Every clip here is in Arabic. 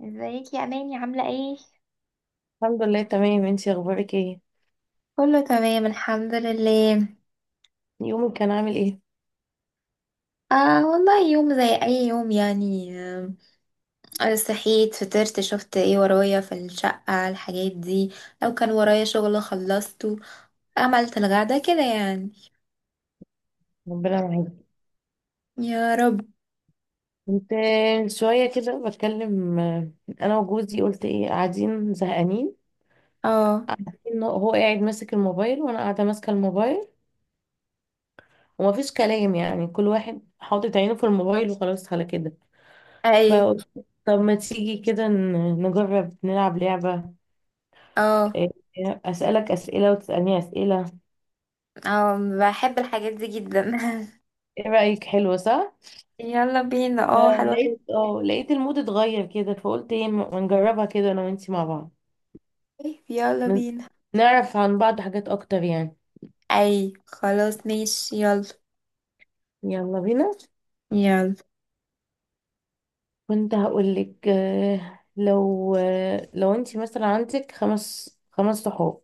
ازيك يا اماني؟ عامله ايه؟ الحمد لله تمام. انتي اخبارك ايه؟ كله تمام الحمد لله. يومك كان عامل ايه؟ والله يوم زي اي يوم يعني. صحيت، فطرت، شفت ايه ورايا في الشقة، الحاجات دي. لو كان ورايا شغل خلصته. عملت الغدا كده يعني. ربنا معاك. يا رب. كنت شويه كده بتكلم انا وجوزي قلت ايه، قاعدين زهقانين. اه. إنه هو قاعد ماسك الموبايل وانا قاعده ماسكه الموبايل. ومفيش كلام، يعني كل واحد حاطط عينه في الموبايل وخلاص على كده. اي. فقلت طب ما تيجي كده نجرب نلعب لعبه. اه. إيه، اسالك اسئله وتسالني اسئله. اه، بحب الحاجات دي جدا. ايه رايك؟ حلوه، صح؟ يلا بينا، اه، حلوة جداً. فلقيت اه لقيت المود اتغير كده. فقلت ايه ما نجربها كده انا وانتي مع بعض. يلا ن- بينا. نعرف عن بعض حاجات اكتر يعني. اي خلاص، ماشي، يلا. يلا بينا. يلا. كنت هقولك لو لو انت مثلا عندك خمس صحاب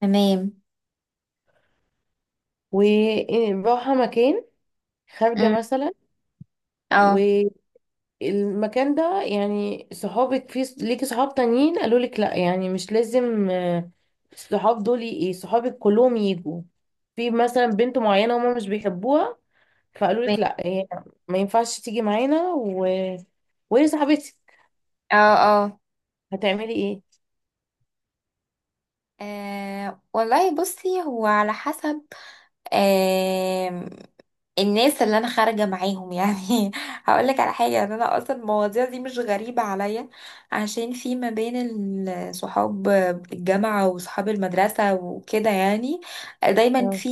تمام. وراحة مكان، خارجة أم. مثلا. اه. والمكان ده يعني صحابك، في ليكي صحاب تانيين قالوا لك لا، يعني مش لازم الصحاب دول ايه، صحابك كلهم يجوا. في مثلا بنت معينة هما مش بيحبوها. فقالوا لك لا، هي ما ينفعش تيجي معانا، و... وهي صاحبتي. اه. اه. هتعملي ايه؟ أه والله، بصي، هو على حسب. أه الناس اللي انا خارجه معاهم يعني هقولك على حاجه، ان انا اصلا المواضيع دي مش غريبه عليا، عشان في ما بين صحاب الجامعه وصحاب المدرسه وكده، يعني دايما اه، في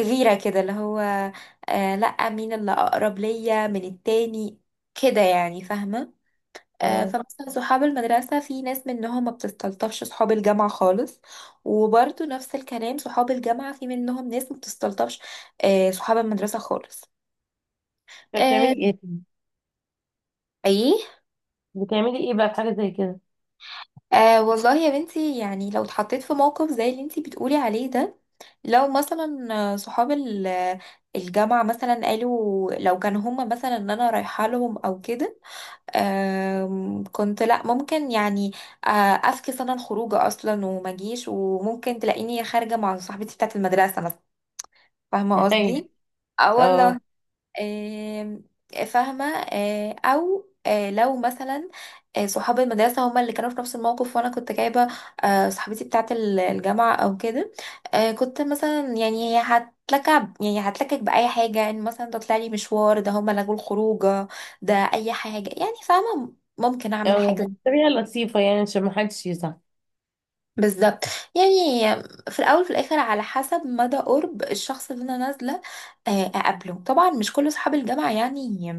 غيره كده، اللي هو أه لا، مين اللي اقرب ليا من التاني، كده يعني، فاهمه. اه. فمثلا صحاب المدرسة في ناس منهم ما بتستلطفش صحاب الجامعة خالص. وبرضه نفس الكلام، صحاب الجامعة في منهم ناس ما بتستلطفش صحاب المدرسة خالص. طب آه، بتعملي ايه؟ ايه. بتعملي ايه بقى في حاجه زي كده؟ آه والله يا بنتي، يعني لو اتحطيت في موقف زي اللي انتي بتقولي عليه ده، لو مثلا صحاب الجامعة مثلا قالوا، لو كانوا هما مثلا ان انا رايحة لهم او كده، كنت، لا ممكن يعني افكس انا الخروجه اصلا وما اجيش، وممكن تلاقيني خارجه مع صاحبتي بتاعه المدرسه مثلا. فاهمه ايوه. قصدي؟ اه اه، والله. آم، فاهمة. أو لو مثلا صحاب المدرسة هما اللي كانوا في نفس الموقف، وأنا كنت جايبة صاحبتي بتاعة الجامعة أو كده، كنت مثلا يعني هي هتلكع، يعني هتلكك بأي حاجة، يعني مثلا ده طلع لي مشوار، ده هما لغوا الخروجة، ده أي حاجة يعني، فاهمة؟ ممكن أعمل اه. حاجة. بطريقه لطيفه يعني عشان ما حدش يزعل. بالظبط يعني، في الاول وفي الاخر على حسب مدى قرب الشخص اللي انا نازله اقابله، طبعا مش كل اصحاب الجامعه يعني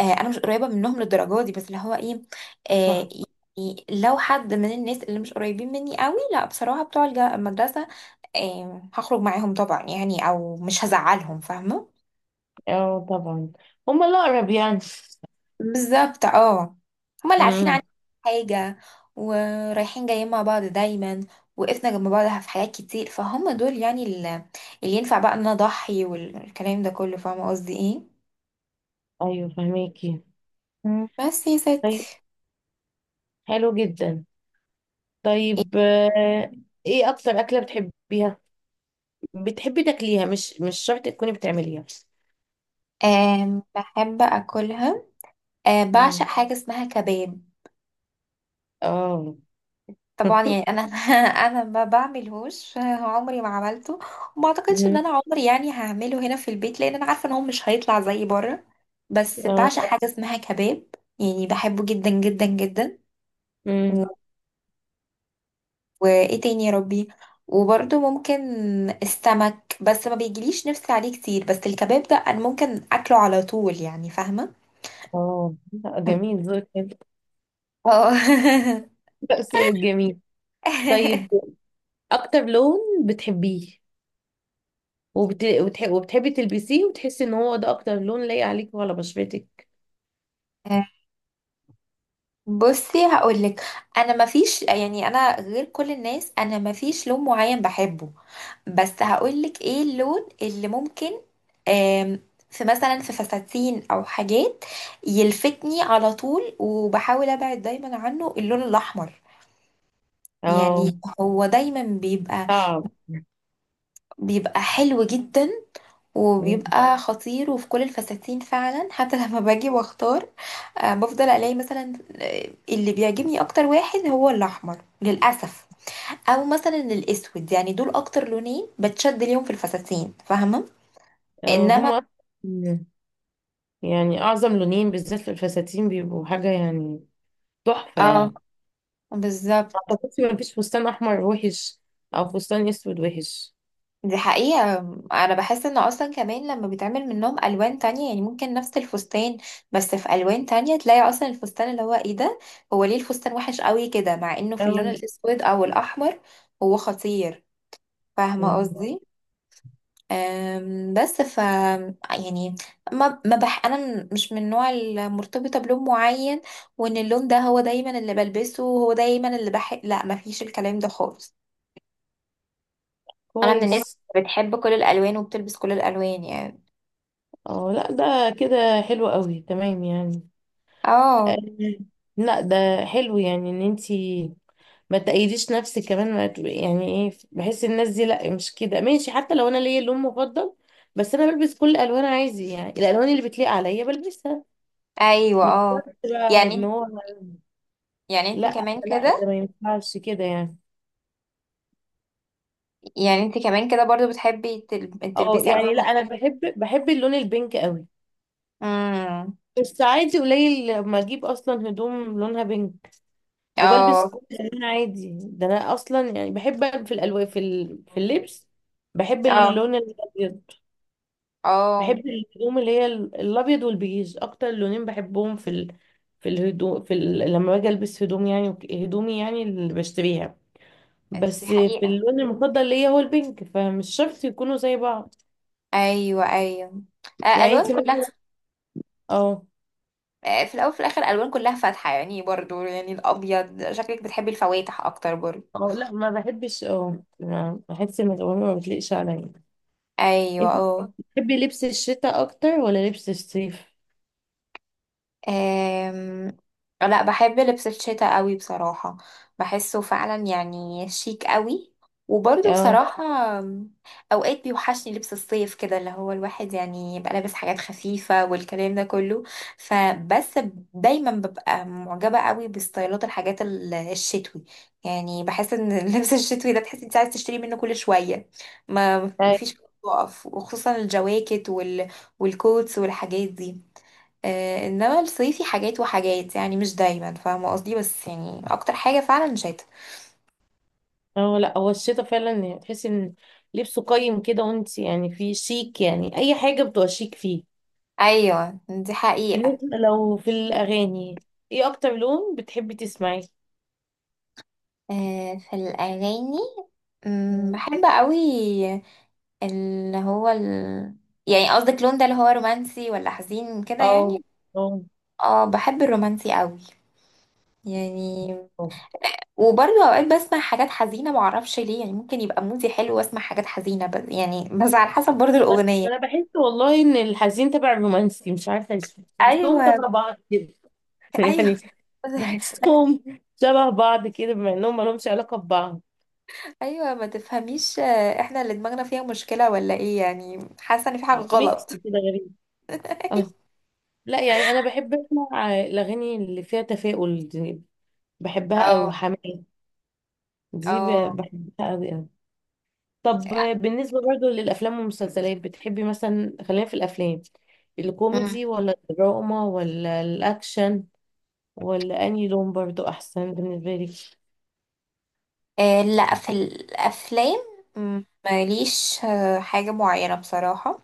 انا مش قريبه منهم للدرجه دي، بس اللي هو ايه. آه، صح. يعني لو حد من الناس اللي مش قريبين مني قوي، لا بصراحه بتوع المدرسه هخرج معاهم طبعا، يعني او مش هزعلهم، فاهمه. اه، طبعا. هما الاقرب يعني. بالظبط اه. هما اللي عارفين امم. عني حاجة، ورايحين جايين مع بعض دايما، وقفنا جنب بعض في حاجات كتير، فهم دول يعني اللي ينفع بقى ان انا اضحي والكلام ده كله، فاهمة قصدي ايه؟ ايوه، فهميكي. مم. بس يا طيب. ستي. حلو جدا. طيب ايه اكتر اكله بتحبيها؟ بتحبي تاكليها؟ مش شرط تكوني بتعمليها. بحب اكلها. بعشق مم. حاجة اسمها كباب. اه. طبعا يعني انا انا ما بعملهوش، عمري ما عملته. وما اعتقدش ان مم. انا عمري يعني هعمله هنا في البيت، لان انا عارفه ان هو مش هيطلع زي بره. بس اه. بعشق حاجه اسمها كباب، يعني بحبه جدا جدا جدا. مم. و- وايه تاني يا ربي؟ وبرده ممكن السمك، بس ما بيجيليش نفسي عليه كتير، بس الكباب ده انا ممكن اكله على طول، يعني فاهمه. اه، لا، جميل ذوقك حلو. اه. لا، ذوقك جميل. طيب. اكتر لون بتحبيه وبت... وتح... وبتحبي تلبسيه وتحسي ان هو ده اكتر لون لايق عليك وعلى بشرتك؟ بصي هقولك. انا مفيش، يعني انا غير كل الناس، انا مفيش لون معين بحبه. بس هقولك ايه اللون اللي ممكن آم، في مثلا في فساتين او حاجات يلفتني على طول، وبحاول ابعد دايما عنه، اللون الاحمر يعني، اه. هو دايما بيبقى صعب. بيبقى حلو جدا، وبيبقى خطير، وفي كل الفساتين فعلا. حتى لما باجي واختار بفضل الاقي مثلا اللي بيعجبني اكتر واحد هو الاحمر، للاسف. او مثلا الاسود، يعني دول اكتر لونين بتشد ليهم في الفساتين، فاهمه. انما هما أصلاً، يعني اعظم لونين بالذات في الفساتين بيبقوا حاجه يعني. تحفه اه، يعني. ما بالظبط، اعتقدش ما فيش فستان احمر وحش او فستان اسود وحش. دي حقيقة. أنا بحس إن أصلا كمان لما بيتعمل منهم ألوان تانية، يعني ممكن نفس الفستان بس في ألوان تانية، تلاقي أصلا الفستان اللي هو إيه ده، هو ليه الفستان وحش قوي كده، مع إنه في اللون اه. الأسود أو الأحمر هو خطير. فاهمة مم. قصدي؟ بس يعني ما انا مش من النوع المرتبطه بلون معين، وان اللون ده هو دايما اللي بلبسه وهو دايما اللي بحب. لا ما فيش الكلام ده خالص. انا من الناس كويس. اللي بتحب كل الالوان وبتلبس كل الالوان يعني. اه، لا ده كده حلو قوي تمام يعني. آه، اه. لا ده حلو، يعني ان انتي ما تأيديش نفسك كمان ما ت- يعني ايه، بحس الناس دي لا مش كده ماشي، حتى لو انا ليا لون مفضل. بس انا بلبس كل الالوان عادي، يعني الالوان اللي بتليق عليا بلبسها. ايوه مش اه. شرط بقى يعني ان انت- هو. يعني انت لا، كمان لا، ده كده. ما ينفعش كده يعني. يعني انت كمان كده برضو بتحبي اه تلبسي يعني، الوان لا انا مختلفه. بحب اللون البينك قوي. امم. بس عادي قليل لما اجيب اصلا هدوم لونها بينك. وبلبس اه. كل الالوان عادي، ده انا اصلا يعني بحب في الالوان في اللبس. بحب اه. اللون الابيض. اه. بحب الهدوم اللي هي الابيض والبيج اكتر لونين بحبهم في الهدوء لما باجي البس هدوم يعني هدومي يعني اللي بشتريها. دي بس في حقيقه. اللون المفضل ليا هو البينك، فمش شرط يكونوا زي بعض. ايوه ايوه. يعني الوان انت كلها. مثلا. اه. في الاول وفي الاخر الالوان كلها فاتحه، يعني برضو، يعني الابيض، شكلك بتحبي الفواتح اكتر برضو. اه، لا ما بحبش، بحس ان الالوان ما بتليقش عليا. ايوه انت اه. بتحبي لبس الشتاء اكتر ولا لبس الصيف؟ أم... لا بحب لبس الشتاء قوي بصراحة. بحسه فعلا يعني شيك قوي. وبرضه اه. بصراحة أم، أوقات بيوحشني لبس الصيف كده، اللي هو الواحد يعني يبقى لابس حاجات خفيفة والكلام ده كله. فبس دايما ببقى معجبة قوي بستايلات الحاجات الشتوي. يعني بحس ان اللبس الشتوي ده، تحس انت عايز تشتري منه كل شوية، ما أي. مفيش وقف. وخصوصا الجواكت والكوتس والحاجات دي. انما الصيفي حاجات وحاجات، يعني مش دايما، فاهمه قصدي؟ بس يعني اكتر حاجه فعلا شتا. اه، لا هو الشتاء فعلا يعني تحسي ان لبسه قيم كده، وانت يعني في شيك، يعني اي حاجه بتبقى شيك فيه. ايوه دي حقيقه. بالنسبة لو في الأغاني، ايه أكتر لون بتحبي تسمعيه؟ في الاغاني مم. بحب قوي اللي هو ال... يعني قصدك لون، ده اللي هو رومانسي ولا حزين كده اه، يعني. اه، اه، بحب الرومانسي قوي يعني. اه. وبرضه اوقات بسمع حاجات حزينه، معرفش ليه، يعني ممكن يبقى مودي حلو واسمع حاجات حزينه، بس يعني، بس على حسب برضه ما الاغنيه. أنا بحس والله إن الحزين تبع الرومانسي، مش عارفة ليه. بحسهم ايوه. تبع بعض كده. ايوه. يعني بحسهم شبه بعض كده بما إنهم مالهمش علاقة ببعض. ايوه، ما تفهميش احنا اللي دماغنا فيها مشكله ولا ايه؟ يعني حاسه ان في حاجه أو ميكس غلط. كده غريب. اه. لا يعني أنا بحب أسمع الأغاني اللي فيها تفاؤل دي. بحبها أوي اه. حماية. دي اه. بحبها أوي أوي. طب بالنسبة برضو للأفلام والمسلسلات، بتحبي مثلا، خلينا في الأفلام مم. الكوميدي ولا الدراما ولا الأكشن؟ ولا أنهي لون برضو أحسن بالنسبة لك؟ لا في الافلام ماليش حاجه معينه بصراحه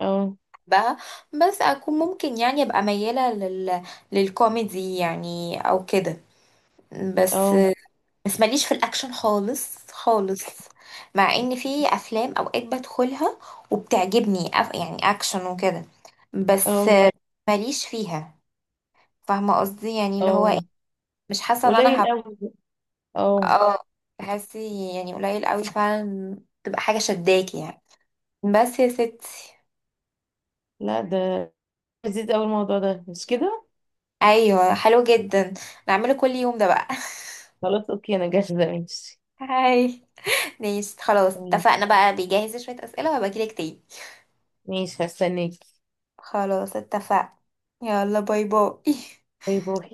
اه، بقى. بس اكون ممكن يعني ابقى مياله للكوميدي يعني او كده. بس اه، بس ماليش في الاكشن خالص خالص، مع ان في افلام اوقات بدخلها وبتعجبني يعني اكشن وكده. بس اه، ماليش فيها، فاهمة قصدي يعني اللي هو ايه، اه. مش حاسة ان انا قليل هبقى. أوي. اه. اه. تحسي يعني قليل قوي فعلا، تبقى حاجة شداكي يعني، بس يا ستي. لا ده لذيذ أوي الموضوع ده، مش كده؟ ايوه حلو جدا. نعمله كل يوم ده بقى. خلاص، أوكي، أنا جاهزة، ماشي. هاي. ماشي خلاص، تمام. اتفقنا بقى، بيجهز شوية اسئلة وهبقى اجيلك تاني. ماشي، هستناك. خلاص اتفقنا. يلا، باي باي. باي باي.